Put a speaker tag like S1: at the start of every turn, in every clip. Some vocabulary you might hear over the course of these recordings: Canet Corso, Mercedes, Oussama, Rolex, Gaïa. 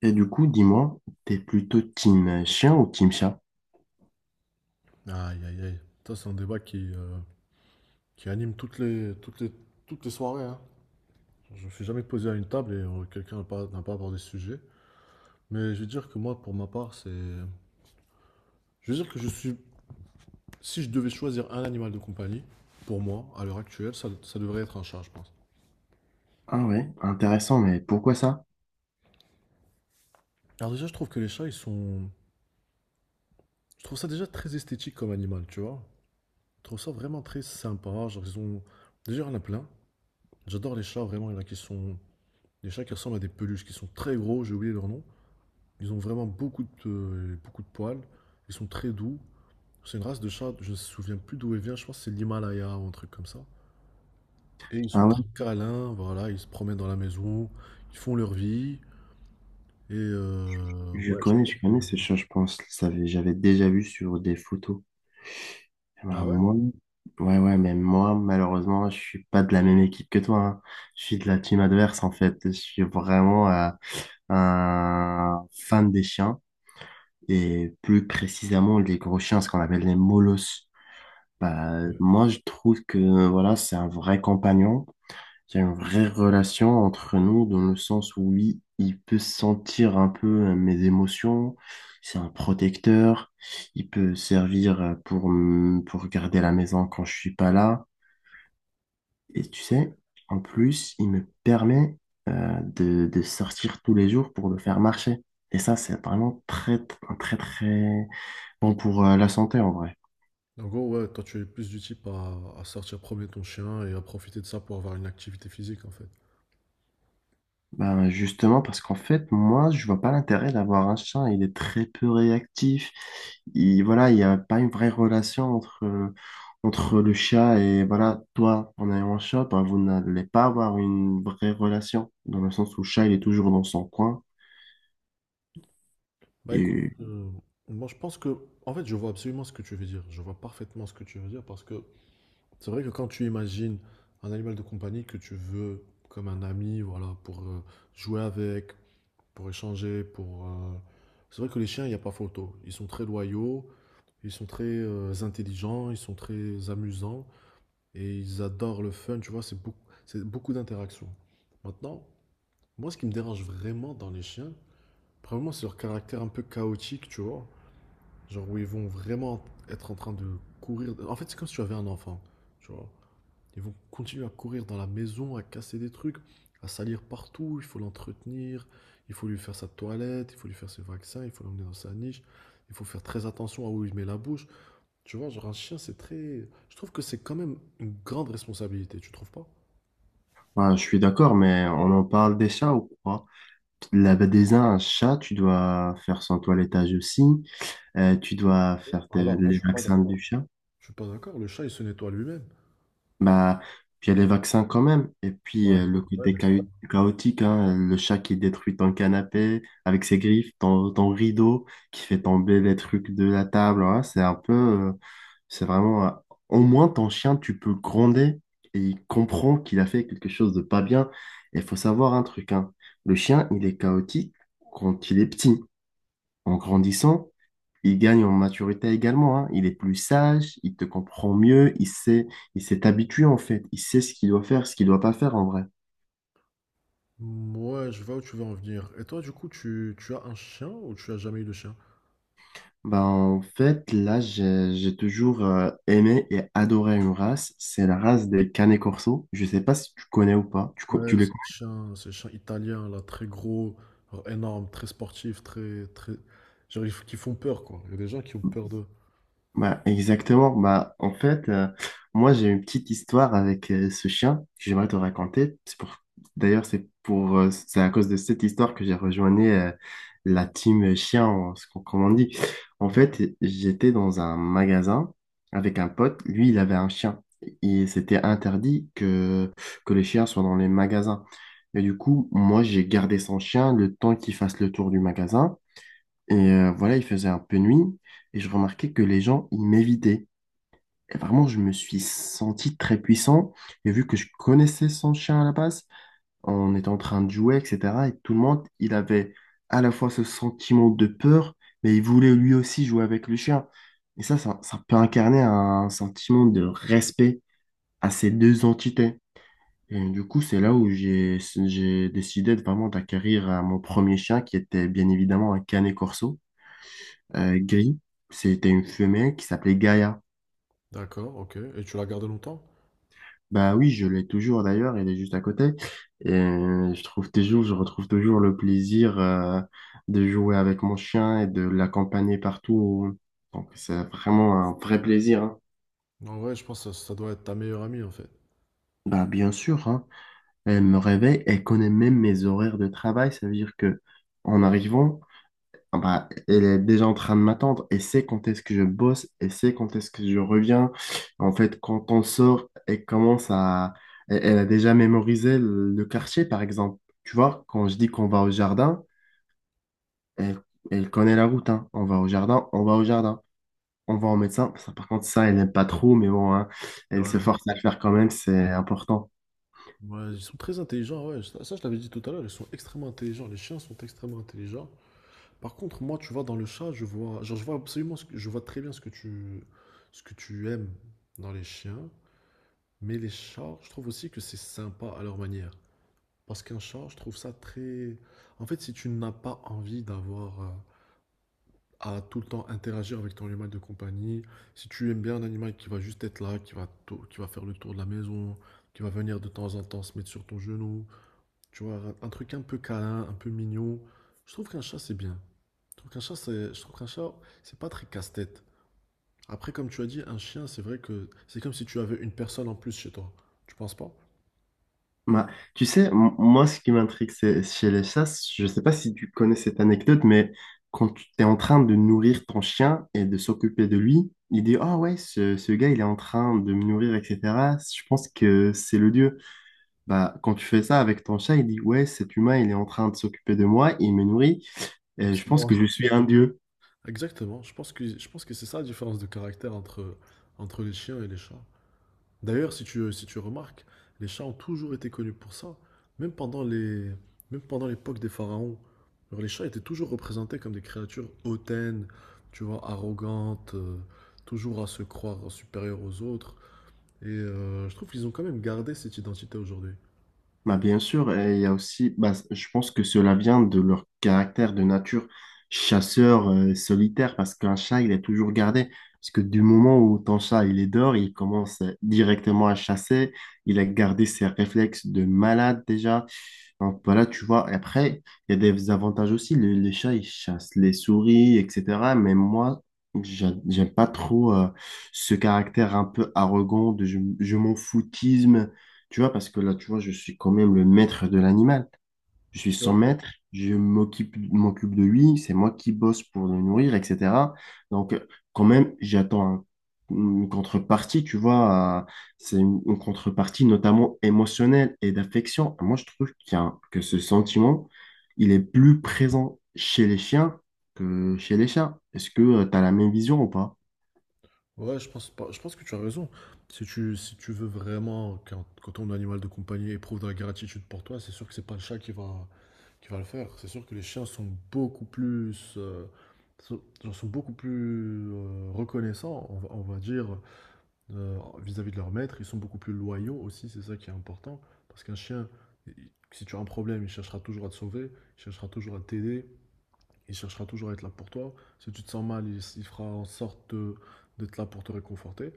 S1: Et du coup, dis-moi, t'es plutôt team chien ou team chat?
S2: Aïe, aïe, aïe. Ça, c'est un débat qui qui anime toutes les soirées, hein. Je ne suis jamais posé à une table et quelqu'un n'a pas abordé ce sujet. Mais je veux dire que moi, pour ma part, c'est... Je veux dire que je suis... Si je devais choisir un animal de compagnie, pour moi, à l'heure actuelle, ça devrait être un chat, je pense.
S1: Ah ouais, intéressant, mais pourquoi ça?
S2: Alors déjà, je trouve que les chats, ils sont... Je trouve ça déjà très esthétique comme animal, tu vois. Je trouve ça vraiment très sympa. Genre, ils ont... Déjà, il y en a plein. J'adore les chats, vraiment. Il y en a qui sont... Les chats qui ressemblent à des peluches, qui sont très gros, j'ai oublié leur nom. Ils ont vraiment beaucoup de poils. Ils sont très doux. C'est une race de chat, je ne me souviens plus d'où elle vient, je pense que c'est l'Himalaya ou un truc comme ça. Et ils sont
S1: Ah ouais,
S2: très câlins, voilà, ils se promènent dans la maison, ils font leur vie. Et ouais, je pense.
S1: je connais ce chat, je pense. J'avais déjà vu sur des photos.
S2: Ah
S1: Bah,
S2: ouais?
S1: moi, ouais, ouais, mais moi, malheureusement, je suis pas de la même équipe que toi, hein. Je suis de la team adverse, en fait. Je suis vraiment un fan des chiens et plus précisément les gros chiens, ce qu'on appelle les molosses. Bah, moi, je trouve que, voilà, c'est un vrai compagnon. Il y a une vraie relation entre nous dans le sens où oui, il peut sentir un peu mes émotions, c'est un protecteur, il peut servir pour, pour garder la maison quand je suis pas là. Et tu
S2: Ok.
S1: sais, en plus, il me permet de sortir tous les jours pour le faire marcher. Et ça, c'est vraiment très, un très, très bon pour la santé en vrai.
S2: En gros, ouais, toi tu es plus du type à sortir promener ton chien et à profiter de ça pour avoir une activité physique en fait.
S1: Ben justement, parce qu'en fait, moi, je vois pas l'intérêt d'avoir un chat. Il est très peu réactif. Il, voilà, il n'y a pas une vraie relation entre, entre le chat et voilà, toi, en ayant un chat, ben, vous n'allez pas avoir une vraie relation, dans le sens où le chat, il est toujours dans son coin.
S2: Bah écoute,
S1: Et
S2: moi je pense que, en fait je vois absolument ce que tu veux dire, je vois parfaitement ce que tu veux dire parce que c'est vrai que quand tu imagines un animal de compagnie que tu veux comme un ami, voilà, pour jouer avec, pour échanger, pour... c'est vrai que les chiens, il n'y a pas photo. Ils sont très loyaux, ils sont très intelligents, ils sont très amusants et ils adorent le fun, tu vois, c'est beaucoup d'interactions. Maintenant, moi, ce qui me dérange vraiment dans les chiens, probablement, c'est leur caractère un peu chaotique, tu vois. Genre où ils vont vraiment être en train de courir. En fait, c'est comme si tu avais un enfant, tu vois. Ils vont continuer à courir dans la maison, à casser des trucs, à salir partout. Il faut l'entretenir, il faut lui faire sa toilette, il faut lui faire ses vaccins, il faut l'emmener dans sa niche. Il faut faire très attention à où il met la bouche. Tu vois, genre un chien, c'est très. Je trouve que c'est quand même une grande responsabilité, tu trouves pas?
S1: ben, je suis d'accord, mais on en parle des chats ou quoi? Là, ben, déjà, un chat, tu dois faire son toilettage aussi. Tu dois faire
S2: Alors, moi, je
S1: les
S2: suis pas
S1: vaccins
S2: d'accord.
S1: du chat.
S2: Je suis pas d'accord, le chat, il se nettoie lui-même.
S1: Bah, puis il y a les vaccins quand même. Et puis
S2: Bah,
S1: le
S2: ouais,
S1: côté
S2: mais ça.
S1: chaotique, hein, le chat qui détruit ton canapé avec ses griffes, ton, ton rideau, qui fait tomber les trucs de la table. Hein, c'est un peu, c'est vraiment. Au moins, ton chien, tu peux gronder et il comprend qu'il a fait quelque chose de pas bien. Et il faut savoir un truc, hein, le chien, il est chaotique quand il est petit. En grandissant, il gagne en maturité également, hein. Il est plus sage, il te comprend mieux, il sait, il s'est habitué en fait, il sait ce qu'il doit faire, ce qu'il doit pas faire en vrai.
S2: Ouais, je vois où tu veux en venir. Et toi, du coup, tu as un chien ou tu as jamais eu de chien?
S1: Ben, en fait, là, j'ai toujours aimé et adoré une race, c'est la race des Canet Corso. Je sais pas si tu connais ou pas, tu, tu
S2: Ouais,
S1: les…
S2: c'est un chien italien, là, très gros, alors énorme, très sportif, très... Genre, qui font peur, quoi. Il y a des gens qui ont peur d'eux.
S1: Bah, exactement. Bah, en fait, moi, j'ai une petite histoire avec ce chien que j'aimerais te raconter. C'est pour… D'ailleurs, c'est pour, c'est à cause de cette histoire que j'ai rejoint la team chien, ce comme on dit. En
S2: Ok.
S1: fait, j'étais dans un magasin avec un pote. Lui, il avait un chien. Et c'était interdit que les chiens soient dans les magasins. Et du coup, moi, j'ai gardé son chien le temps qu'il fasse le tour du magasin. Et voilà, il faisait un peu nuit et je remarquais que les gens, ils m'évitaient. Et vraiment, je me suis senti très puissant. Et vu que je connaissais son chien à la base, on était en train de jouer, etc. Et tout le monde, il avait à la fois ce sentiment de peur, mais il voulait lui aussi jouer avec le chien. Et ça peut incarner un sentiment de respect à ces deux entités. Et du coup, c'est là où j'ai décidé de vraiment d'acquérir mon premier chien, qui était bien évidemment un Canet Corso gris. C'était une femelle qui s'appelait Gaïa.
S2: D'accord, ok. Et tu l'as gardé longtemps?
S1: Bah oui, je l'ai toujours d'ailleurs, elle est juste à côté. Et je trouve toujours, je retrouve toujours le plaisir de jouer avec mon chien et de l'accompagner partout. Donc c'est vraiment un vrai plaisir, hein.
S2: En vrai, je pense que ça doit être ta meilleure amie, en fait.
S1: Bah bien sûr, hein. Elle me réveille, elle connaît même mes horaires de travail, ça veut dire que en arrivant, ah bah, elle est déjà en train de m'attendre. Elle sait quand est-ce que je bosse, elle sait quand est-ce que je reviens. En fait, quand on sort, elle commence à… Elle, elle a déjà mémorisé le quartier, par exemple. Tu vois, quand je dis qu'on va au jardin, elle, elle connaît la route, hein. On va au jardin, on va au jardin. On va au médecin. Ça, par contre, ça, elle n'aime pas trop, mais bon, hein, elle se
S2: Ouais.
S1: force à le faire quand même, c'est important.
S2: Ouais, ils sont très intelligents, ouais. Ça, je l'avais dit tout à l'heure, ils sont extrêmement intelligents. Les chiens sont extrêmement intelligents. Par contre, moi, tu vois, dans le chat, je vois... Genre, je vois absolument ce que... Je vois très bien ce que tu aimes dans les chiens. Mais les chats, je trouve aussi que c'est sympa à leur manière. Parce qu'un chat, je trouve ça très... En fait, si tu n'as pas envie d'avoir à tout le temps interagir avec ton animal de compagnie, si tu aimes bien un animal qui va juste être là, qui va faire le tour de la maison, qui va venir de temps en temps se mettre sur ton genou, tu vois, un, truc un peu câlin, un peu mignon, je trouve qu'un chat, c'est bien. Je trouve qu'un chat, c'est pas très casse-tête. Après, comme tu as dit, un chien, c'est vrai que c'est comme si tu avais une personne en plus chez toi. Tu penses pas?
S1: Bah, tu sais, moi, ce qui m'intrigue, c'est chez les chasses, je ne sais pas si tu connais cette anecdote, mais quand tu es en train de nourrir ton chien et de s'occuper de lui, il dit, ah ouais, ce gars, il est en train de me nourrir, etc. Je pense que c'est le dieu. Bah, quand tu fais ça avec ton chat, il dit, ouais, cet humain, il est en train de s'occuper de moi, il me nourrit,
S2: Donc,
S1: et je
S2: c'est
S1: pense que je
S2: moi.
S1: suis un dieu.
S2: Exactement, je pense que c'est ça la différence de caractère entre, entre les chiens et les chats. D'ailleurs, si tu remarques, les chats ont toujours été connus pour ça, même pendant les, même pendant l'époque des pharaons. Alors, les chats étaient toujours représentés comme des créatures hautaines, tu vois, arrogantes, toujours à se croire supérieurs aux autres. Et je trouve qu'ils ont quand même gardé cette identité aujourd'hui.
S1: Bah, bien sûr, et il y a aussi, bah, je pense que cela vient de leur caractère de nature chasseur solitaire, parce qu'un chat, il est toujours gardé. Parce que du moment où ton chat, il est dehors, il commence directement à chasser, il a gardé ses réflexes de malade déjà. Donc voilà, tu vois, et après, il y a des avantages aussi. Les chats, ils chassent les souris, etc. Mais moi, j'aime pas trop ce caractère un peu arrogant de je m'en foutisme, tu vois, parce que là, tu vois, je suis quand même le maître de l'animal, je suis son maître, m'occupe de lui, c'est moi qui bosse pour le nourrir, etc. Donc, quand même, une contrepartie, tu vois, c'est une contrepartie notamment émotionnelle et d'affection. Moi, je trouve qu'il y a que ce sentiment, il est plus présent chez les chiens que chez les chats. Est-ce que tu as la même vision ou pas?
S2: Ouais, je pense pas, je pense que tu as raison. Si tu veux vraiment quand ton animal de compagnie éprouve de la gratitude pour toi, c'est sûr que c'est pas le chat qui va le faire. C'est sûr que les chiens sont sont, genre sont beaucoup plus reconnaissants, on va dire, vis-à-vis de leur maître. Ils sont beaucoup plus loyaux aussi, c'est ça qui est important. Parce qu'un chien, il- si tu as un problème, il cherchera toujours à te sauver, il cherchera toujours à t'aider, il cherchera toujours à être là pour toi. Si tu te sens mal, il fera en sorte de- d'être là pour te réconforter.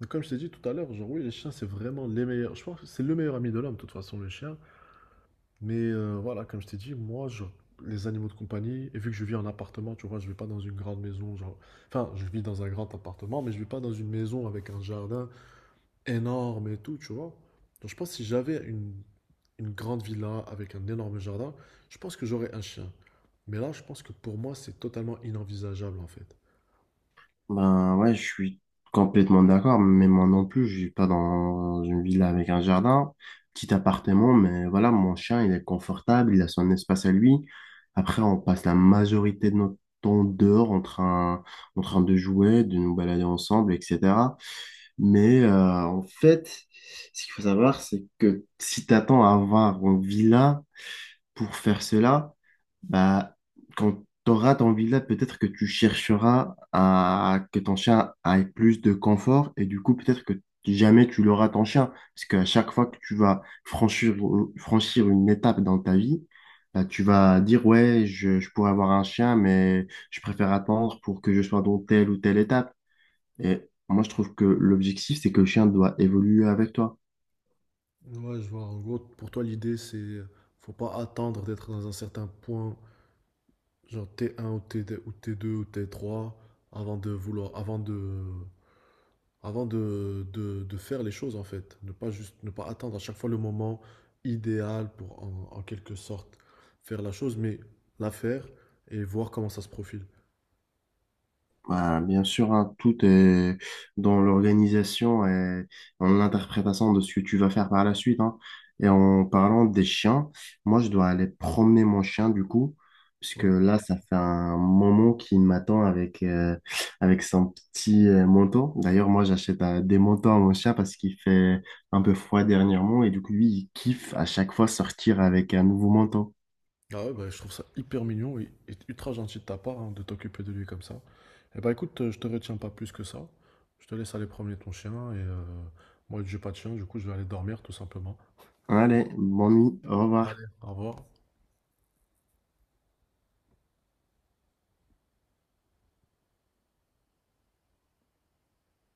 S2: Donc, comme je t'ai dit tout à l'heure, genre oui, les chiens, c'est vraiment les meilleurs. Je pense que c'est le meilleur ami de l'homme, de toute façon, le chien. Mais voilà, comme je t'ai dit, moi, je- les animaux de compagnie, et vu que je vis en appartement, tu vois, je ne vis pas dans une grande maison, genre... Enfin, je vis dans un grand appartement, mais je ne vis pas dans une maison avec un jardin énorme et tout, tu vois. Donc je pense que si j'avais une grande villa avec un énorme jardin, je pense que j'aurais un chien. Mais là, je pense que pour moi, c'est totalement inenvisageable, en fait.
S1: Ben ouais, je suis complètement d'accord, mais moi non plus, je vis pas dans une villa avec un jardin, petit appartement, mais voilà, mon chien, il est confortable, il a son espace à lui. Après, on passe la majorité de notre temps dehors en train de jouer, de nous balader ensemble, etc. Mais en fait, ce qu'il faut savoir, c'est que si t'attends à avoir une villa, pour faire cela, bah, quand tu auras ton villa, peut-être que tu chercheras à que ton chien ait plus de confort et du coup, peut-être que jamais tu l'auras ton chien. Parce qu'à chaque fois que tu vas franchir, franchir une étape dans ta vie, bah, tu vas dire, ouais, je pourrais avoir un chien, mais je préfère attendre pour que je sois dans telle ou telle étape. Et moi, je trouve que l'objectif, c'est que le chien doit évoluer avec toi.
S2: Ouais, je vois. En gros, pour toi, l'idée, c'est faut pas attendre d'être dans un certain point, genre T1 ou T2 ou T2 ou T3, avant de vouloir, avant de faire les choses en fait. Ne pas attendre à chaque fois le moment idéal pour en, en quelque sorte faire la chose, mais la faire et voir comment ça se profile.
S1: Bah, bien sûr, hein, tout est dans l'organisation et en interprétation de ce que tu vas faire par la suite, hein. Et en parlant des chiens, moi, je dois aller promener mon chien du coup, puisque là, ça fait un moment qu'il m'attend avec, avec son petit manteau. D'ailleurs, moi, j'achète des manteaux à mon chien parce qu'il fait un peu froid dernièrement et du coup, lui, il kiffe à chaque fois sortir avec un nouveau manteau.
S2: Ah ouais, bah, je trouve ça hyper mignon et ultra gentil de ta part hein, de t'occuper de lui comme ça. Et bah écoute, je te retiens pas plus que ça. Je te laisse aller promener ton chien et moi, j'ai pas de chien, du coup, je vais aller dormir tout simplement.
S1: Allez, bonne nuit, au
S2: Allez,
S1: revoir.
S2: au revoir.